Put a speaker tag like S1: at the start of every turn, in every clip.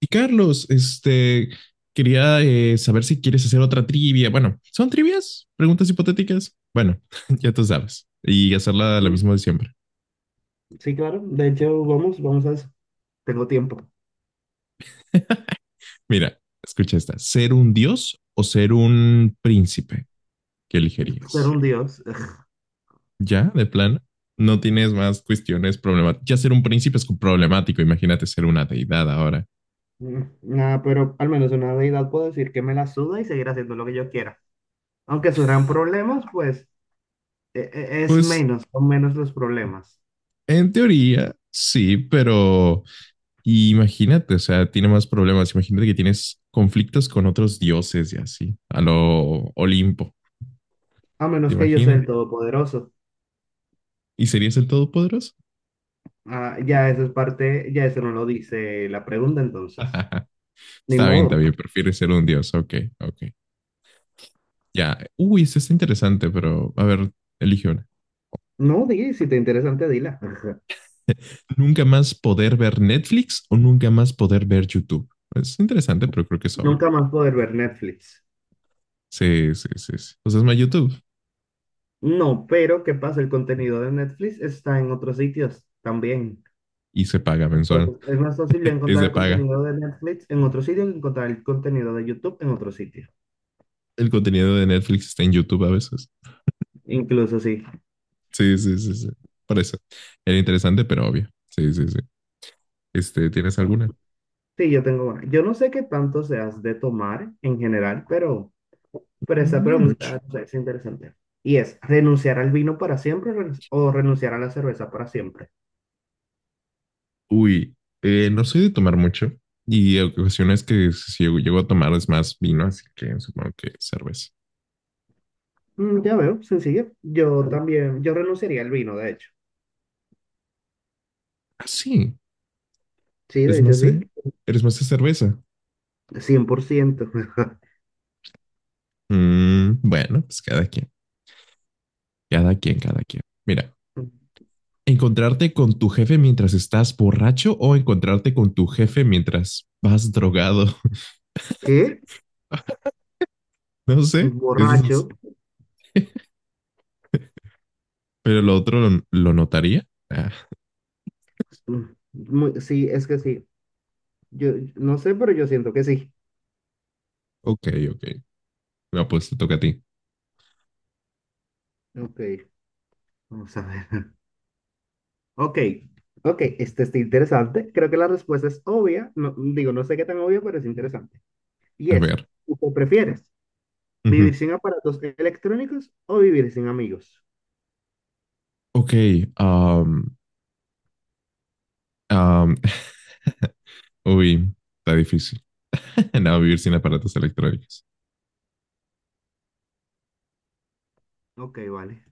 S1: Y Carlos, quería saber si quieres hacer otra trivia. Bueno, ¿son trivias? ¿Preguntas hipotéticas? Bueno, ya tú sabes. Y hacerla lo
S2: Mm,
S1: mismo de siempre.
S2: sí, claro. De hecho, vamos, vamos a eso. Tengo tiempo.
S1: Mira, escucha esta. ¿Ser un dios o ser un príncipe? ¿Qué
S2: Ser
S1: elegirías?
S2: un dios.
S1: ¿Ya? ¿De plano? No tienes más cuestiones problemáticas. Ya ser un príncipe es problemático. Imagínate ser una deidad ahora.
S2: Nada, pero al menos una deidad puedo decir que me la suda y seguir haciendo lo que yo quiera. Aunque surjan problemas, pues es
S1: Pues,
S2: menos, son menos los problemas.
S1: en teoría, sí, pero y imagínate, o sea, tiene más problemas. Imagínate que tienes conflictos con otros dioses y así, a lo Olimpo,
S2: A
S1: ¿te
S2: menos que yo sea
S1: imaginas?
S2: el todopoderoso.
S1: ¿Y serías el todopoderoso?
S2: Ah, ya eso es parte, ya eso no lo dice la pregunta, entonces. Ni
S1: Está
S2: modo.
S1: bien, prefieres ser un dios. Ok, ok. Ya. Uy, esto está interesante, pero a ver, elige una.
S2: No, di, si te interesa, te dila.
S1: ¿Nunca más poder ver Netflix o nunca más poder ver YouTube? Es interesante, pero creo que es obvio.
S2: Nunca más poder ver Netflix.
S1: Sí, sí, sí, sí. Pues es más YouTube
S2: No, pero ¿qué pasa? El contenido de Netflix está en otros sitios también.
S1: y se paga mensual.
S2: Entonces, es más fácil
S1: Es
S2: encontrar
S1: de
S2: el
S1: paga.
S2: contenido de Netflix en otro sitio que encontrar el contenido de YouTube en otro sitio.
S1: El contenido de Netflix está en YouTube a veces.
S2: Incluso sí.
S1: Sí, sí, sí, sí. Por eso. Era interesante, pero obvio. Sí, sí, sí. ¿Tienes alguna?
S2: Sí, yo tengo una. Yo no sé qué tanto seas de tomar en general, pero esa
S1: No mucho.
S2: pregunta, o sea, es interesante. Y es, ¿renunciar al vino para siempre o renunciar a la cerveza para siempre?
S1: Uy, no soy de tomar mucho. Y ocasiones que si llego, llego a tomar es más vino, así que supongo que cerveza.
S2: Ya veo, sencillo. Yo también, yo renunciaría al vino, de hecho.
S1: Ah, sí.
S2: Sí,
S1: Es
S2: de hecho
S1: más
S2: sí.
S1: eres más de cerveza.
S2: 100%.
S1: Mm, bueno, pues cada quien, cada quien, cada quien. Mira, encontrarte con tu jefe mientras estás borracho o encontrarte con tu jefe mientras vas drogado.
S2: ¿Qué?
S1: No sé, eso
S2: Borracho.
S1: es, pero lo otro lo notaría. Ah,
S2: Mm, sí, es que sí. Yo no sé, pero yo siento que sí.
S1: ok, ok. No, pues te toca a ti.
S2: Ok. Vamos a ver. Ok, ok, este está interesante. Creo que la respuesta es obvia. No, digo, no sé qué tan obvia, pero es interesante. Y
S1: A
S2: es,
S1: ver.
S2: ¿tú prefieres
S1: Ujú.
S2: vivir sin aparatos electrónicos o vivir sin amigos?
S1: Ok. um, um, uy, está difícil. No, vivir sin aparatos electrónicos.
S2: Ok, vale.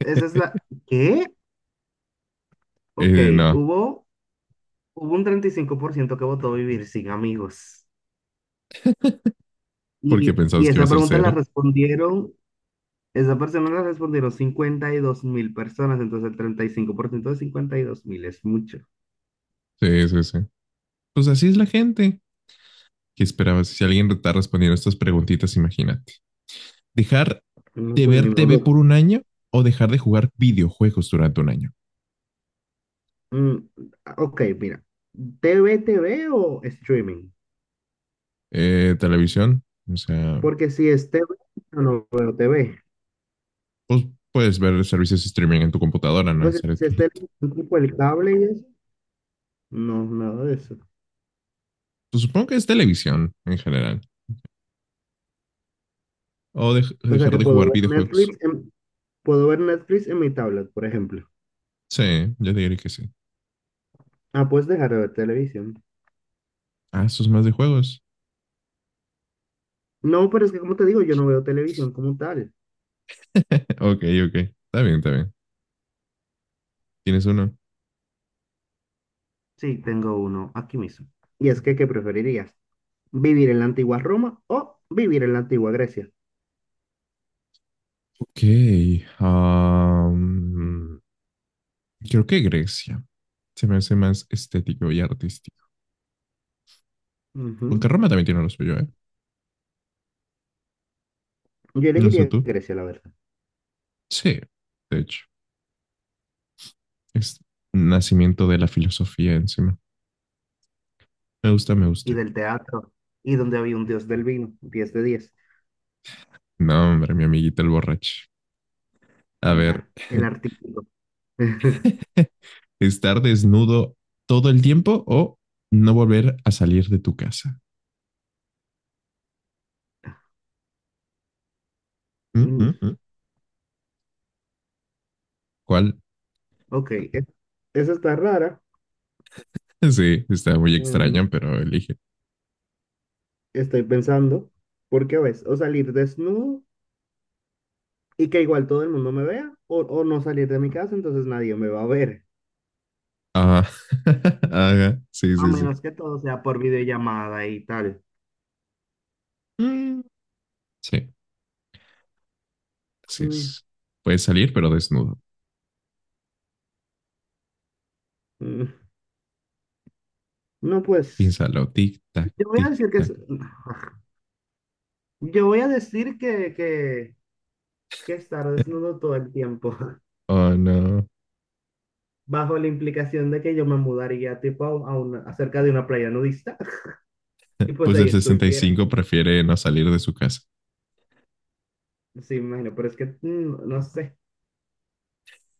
S2: ¿Qué? Ok,
S1: No,
S2: hubo, hubo un 35% que votó vivir sin amigos.
S1: porque
S2: Y,
S1: pensabas
S2: y
S1: que iba a
S2: esa
S1: ser
S2: pregunta la
S1: cera.
S2: respondieron. Esa persona le respondieron 52.000 personas, entonces el 35% de 52.000 es mucho.
S1: Sí, sí, sí. Pues así es la gente. ¿Qué esperabas? Si alguien está respondiendo estas preguntitas, imagínate. ¿Dejar
S2: No,
S1: de
S2: pues ni
S1: ver TV
S2: modo.
S1: por 1 año o dejar de jugar videojuegos durante 1 año?
S2: Mm, ok, mira. T V o streaming?
S1: Televisión, o sea,
S2: Porque si es TV, yo no veo T V.
S1: pues puedes ver servicios de streaming en tu computadora, no
S2: Entonces, si es
S1: necesariamente.
S2: televisión tipo el cable y eso, no, nada de eso.
S1: Pues supongo que es televisión en general.
S2: O sea
S1: Dejar
S2: que
S1: de
S2: puedo
S1: jugar
S2: ver
S1: videojuegos.
S2: Netflix en, puedo ver Netflix en mi tablet, por ejemplo.
S1: Sí, yo diría que sí.
S2: Ah, puedes dejar de ver televisión.
S1: Ah, eso es más de juegos.
S2: No, pero es que, como te digo, yo no veo televisión como tal.
S1: Ok, ok. Está bien, está bien. ¿Tienes uno?
S2: Sí, tengo uno aquí mismo. Y es que, ¿qué preferirías? ¿Vivir en la antigua Roma o vivir en la antigua Grecia?
S1: Ok. am, Creo que Grecia. Se me hace más estético y artístico.
S2: Ujú.
S1: Aunque Roma también tiene lo suyo, ¿eh?
S2: Yo
S1: No sé
S2: elegiría
S1: tú.
S2: Grecia, la verdad.
S1: Sí, de hecho. Es nacimiento de la filosofía encima. Me gusta, me
S2: Y
S1: gusta.
S2: del teatro, y donde había un dios del vino, 10 de 10.
S1: No, hombre, mi amiguita el borracho. A ver,
S2: Nah, el artículo.
S1: estar desnudo todo el tiempo o no volver a salir de tu casa. Mm, mm,
S2: Mm,
S1: mm. ¿Cuál?
S2: ok, esa está rara.
S1: Sí, está muy
S2: Mm,
S1: extraño, pero elige.
S2: Estoy pensando, porque a veces, o salir desnudo y que igual todo el mundo me vea, o no salir de mi casa, entonces nadie me va a ver,
S1: Ajá. Ajá. Sí,
S2: a
S1: sí, sí.
S2: menos que todo sea por videollamada y tal.
S1: Mm, sí, así
S2: Mm,
S1: es. Puedes salir, pero desnudo.
S2: mm, No, pues,
S1: Piénsalo. Tic, tac,
S2: yo voy a
S1: tic,
S2: decir que
S1: tac.
S2: es... Yo voy a decir que estar desnudo todo el tiempo,
S1: Oh, no.
S2: bajo la implicación de que yo me mudaría tipo a, una, acerca de una playa nudista y pues
S1: Pues
S2: ahí
S1: el sesenta y
S2: estuviera.
S1: cinco prefiere no salir de su casa.
S2: Sí, me imagino, pero es que no sé,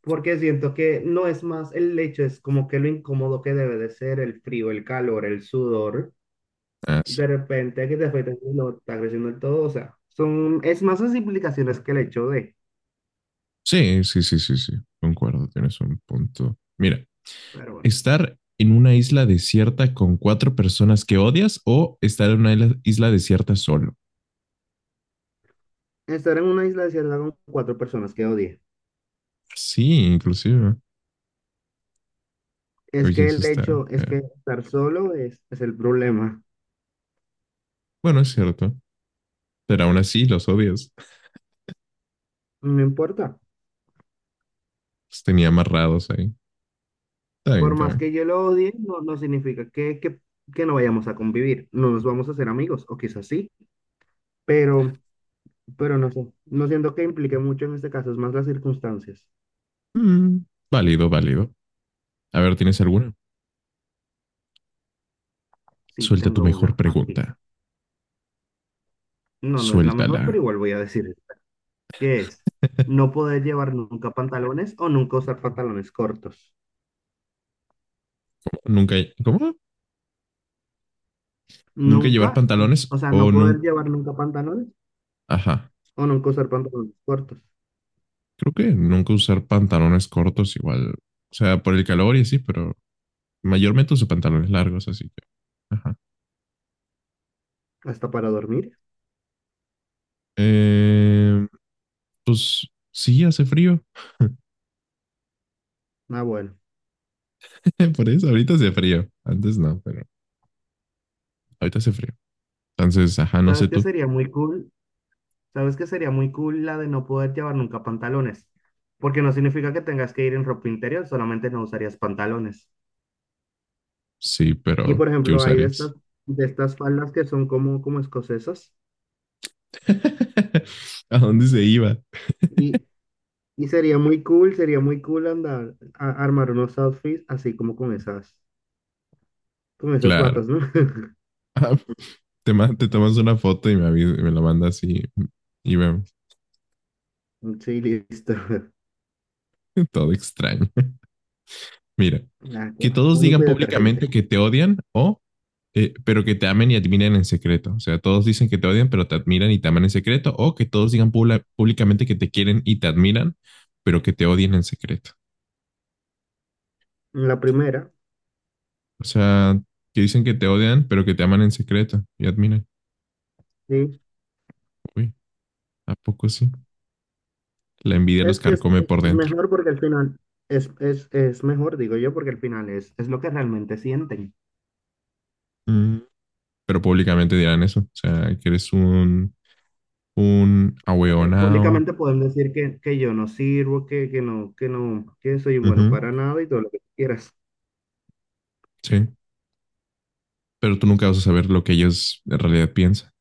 S2: porque siento que no es más el hecho, es como que lo incómodo que debe de ser el frío, el calor, el sudor,
S1: Ah, sí.
S2: de repente que te afecta el no está creciendo el todo, o sea, son, es más las implicaciones que el hecho de,
S1: Sí, sí, sí, sí, sí. Concuerdo, tienes un punto. Mira,
S2: pero bueno,
S1: estar en una isla desierta con 4 personas que odias o estar en una isla, desierta solo.
S2: estar en una isla desierta con cuatro personas que odié.
S1: Sí, inclusive.
S2: Es
S1: Oye,
S2: que
S1: eso
S2: el
S1: está.
S2: hecho es que estar solo es el problema.
S1: Bueno, es cierto. Pero aún así los odias.
S2: No importa.
S1: Los tenía amarrados ahí. Está bien,
S2: Por
S1: está
S2: más
S1: bien.
S2: que yo lo odie, no significa que no vayamos a convivir. No nos vamos a hacer amigos, o quizás sí, pero, pero, no sé. No siento que implique mucho en este caso, es más las circunstancias.
S1: Mm, válido, válido. A ver, ¿tienes alguna?
S2: Sí,
S1: Suelta tu
S2: tengo
S1: mejor
S2: una aquí.
S1: pregunta.
S2: No, no es la mejor,
S1: Suéltala.
S2: pero igual voy a decir esta, que es no poder llevar nunca pantalones o nunca usar pantalones cortos.
S1: Nunca. ¿Cómo? Nunca llevar
S2: Nunca,
S1: pantalones
S2: o sea, no
S1: o
S2: poder
S1: nunca.
S2: llevar nunca pantalones
S1: Ajá.
S2: o nunca usar pantalones cortos.
S1: Creo que nunca usar pantalones cortos igual. O sea, por el calor y así, pero mayormente uso pantalones largos, así que. Ajá.
S2: Hasta para dormir.
S1: Eh, pues sí, hace frío.
S2: Ah, bueno.
S1: Por eso, ahorita hace frío. Antes no, pero ahorita hace frío. Entonces, ajá, no sé
S2: ¿Sabes qué
S1: tú.
S2: sería muy cool? ¿Sabes qué sería muy cool la de no poder llevar nunca pantalones? Porque no significa que tengas que ir en ropa interior, solamente no usarías pantalones.
S1: Sí,
S2: Y
S1: pero
S2: por
S1: ¿qué
S2: ejemplo, hay de estas,
S1: usarías?
S2: de estas faldas que son como escocesas.
S1: ¿A dónde se iba?
S2: Y, y sería muy cool andar a, armar unos outfits así como con esas
S1: Claro.
S2: batas, ¿no?
S1: Ah, te tomas una foto y me la mandas y vemos.
S2: Sí, listo.
S1: Todo extraño. Mira,
S2: Nada, que
S1: que
S2: va.
S1: todos
S2: Único
S1: digan
S2: y detergente.
S1: públicamente que te odian o, pero que te amen y admiren en secreto. O sea, todos dicen que te odian, pero te admiran y te aman en secreto. O que todos digan públicamente que te quieren y te admiran, pero que te odian en secreto.
S2: La primera,
S1: O sea, que dicen que te odian, pero que te aman en secreto y admiran.
S2: sí,
S1: Uy, ¿a poco sí? La envidia los
S2: es que es,
S1: carcome por
S2: es
S1: dentro.
S2: mejor porque al final, es mejor, digo yo, porque al final es lo que realmente sienten.
S1: Mm, pero públicamente dirán eso. O sea, que eres un
S2: Oye,
S1: ahueonao.
S2: públicamente pueden decir que yo no sirvo, que no, que no, que soy bueno
S1: Ujú,
S2: para nada y todo lo que quieras.
S1: sí. Pero tú nunca vas a saber lo que ellos en realidad piensan.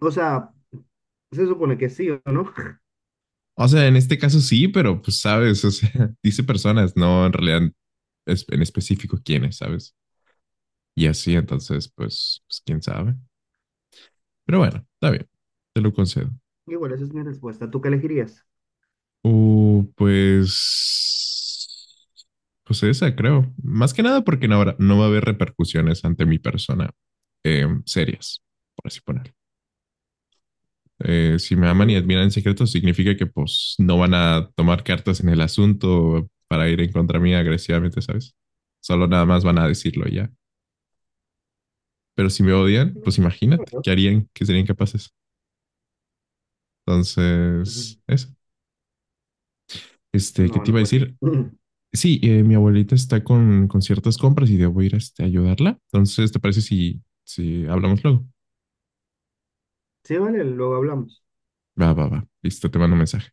S2: O sea, se supone que sí o no.
S1: O sea, en este caso sí, pero pues sabes, o sea, dice personas, no en realidad en específico quiénes, ¿sabes? Y así, entonces, pues, pues quién sabe. Pero bueno, está bien, te lo concedo.
S2: Igual esa es mi respuesta. ¿Tú qué elegirías?
S1: Pues, pues esa creo. Más que nada porque no, no va a haber repercusiones ante mi persona serias, por así ponerlo. Si me aman y
S2: Mm,
S1: admiran en secreto, significa que pues no van a tomar cartas en el asunto para ir en contra mía agresivamente, ¿sabes? Solo nada más van a decirlo y ya. Pero si me odian, pues imagínate,
S2: no,
S1: ¿qué harían? ¿Qué serían capaces? Entonces, eso. Este, ¿qué
S2: no,
S1: te
S2: no,
S1: iba a
S2: pues sí.
S1: decir? Sí, mi abuelita está con ciertas compras y debo ir este, a ayudarla. Entonces, ¿te parece si hablamos luego?
S2: Sí, vale, luego hablamos.
S1: Va, va, va. Listo, te mando un mensaje.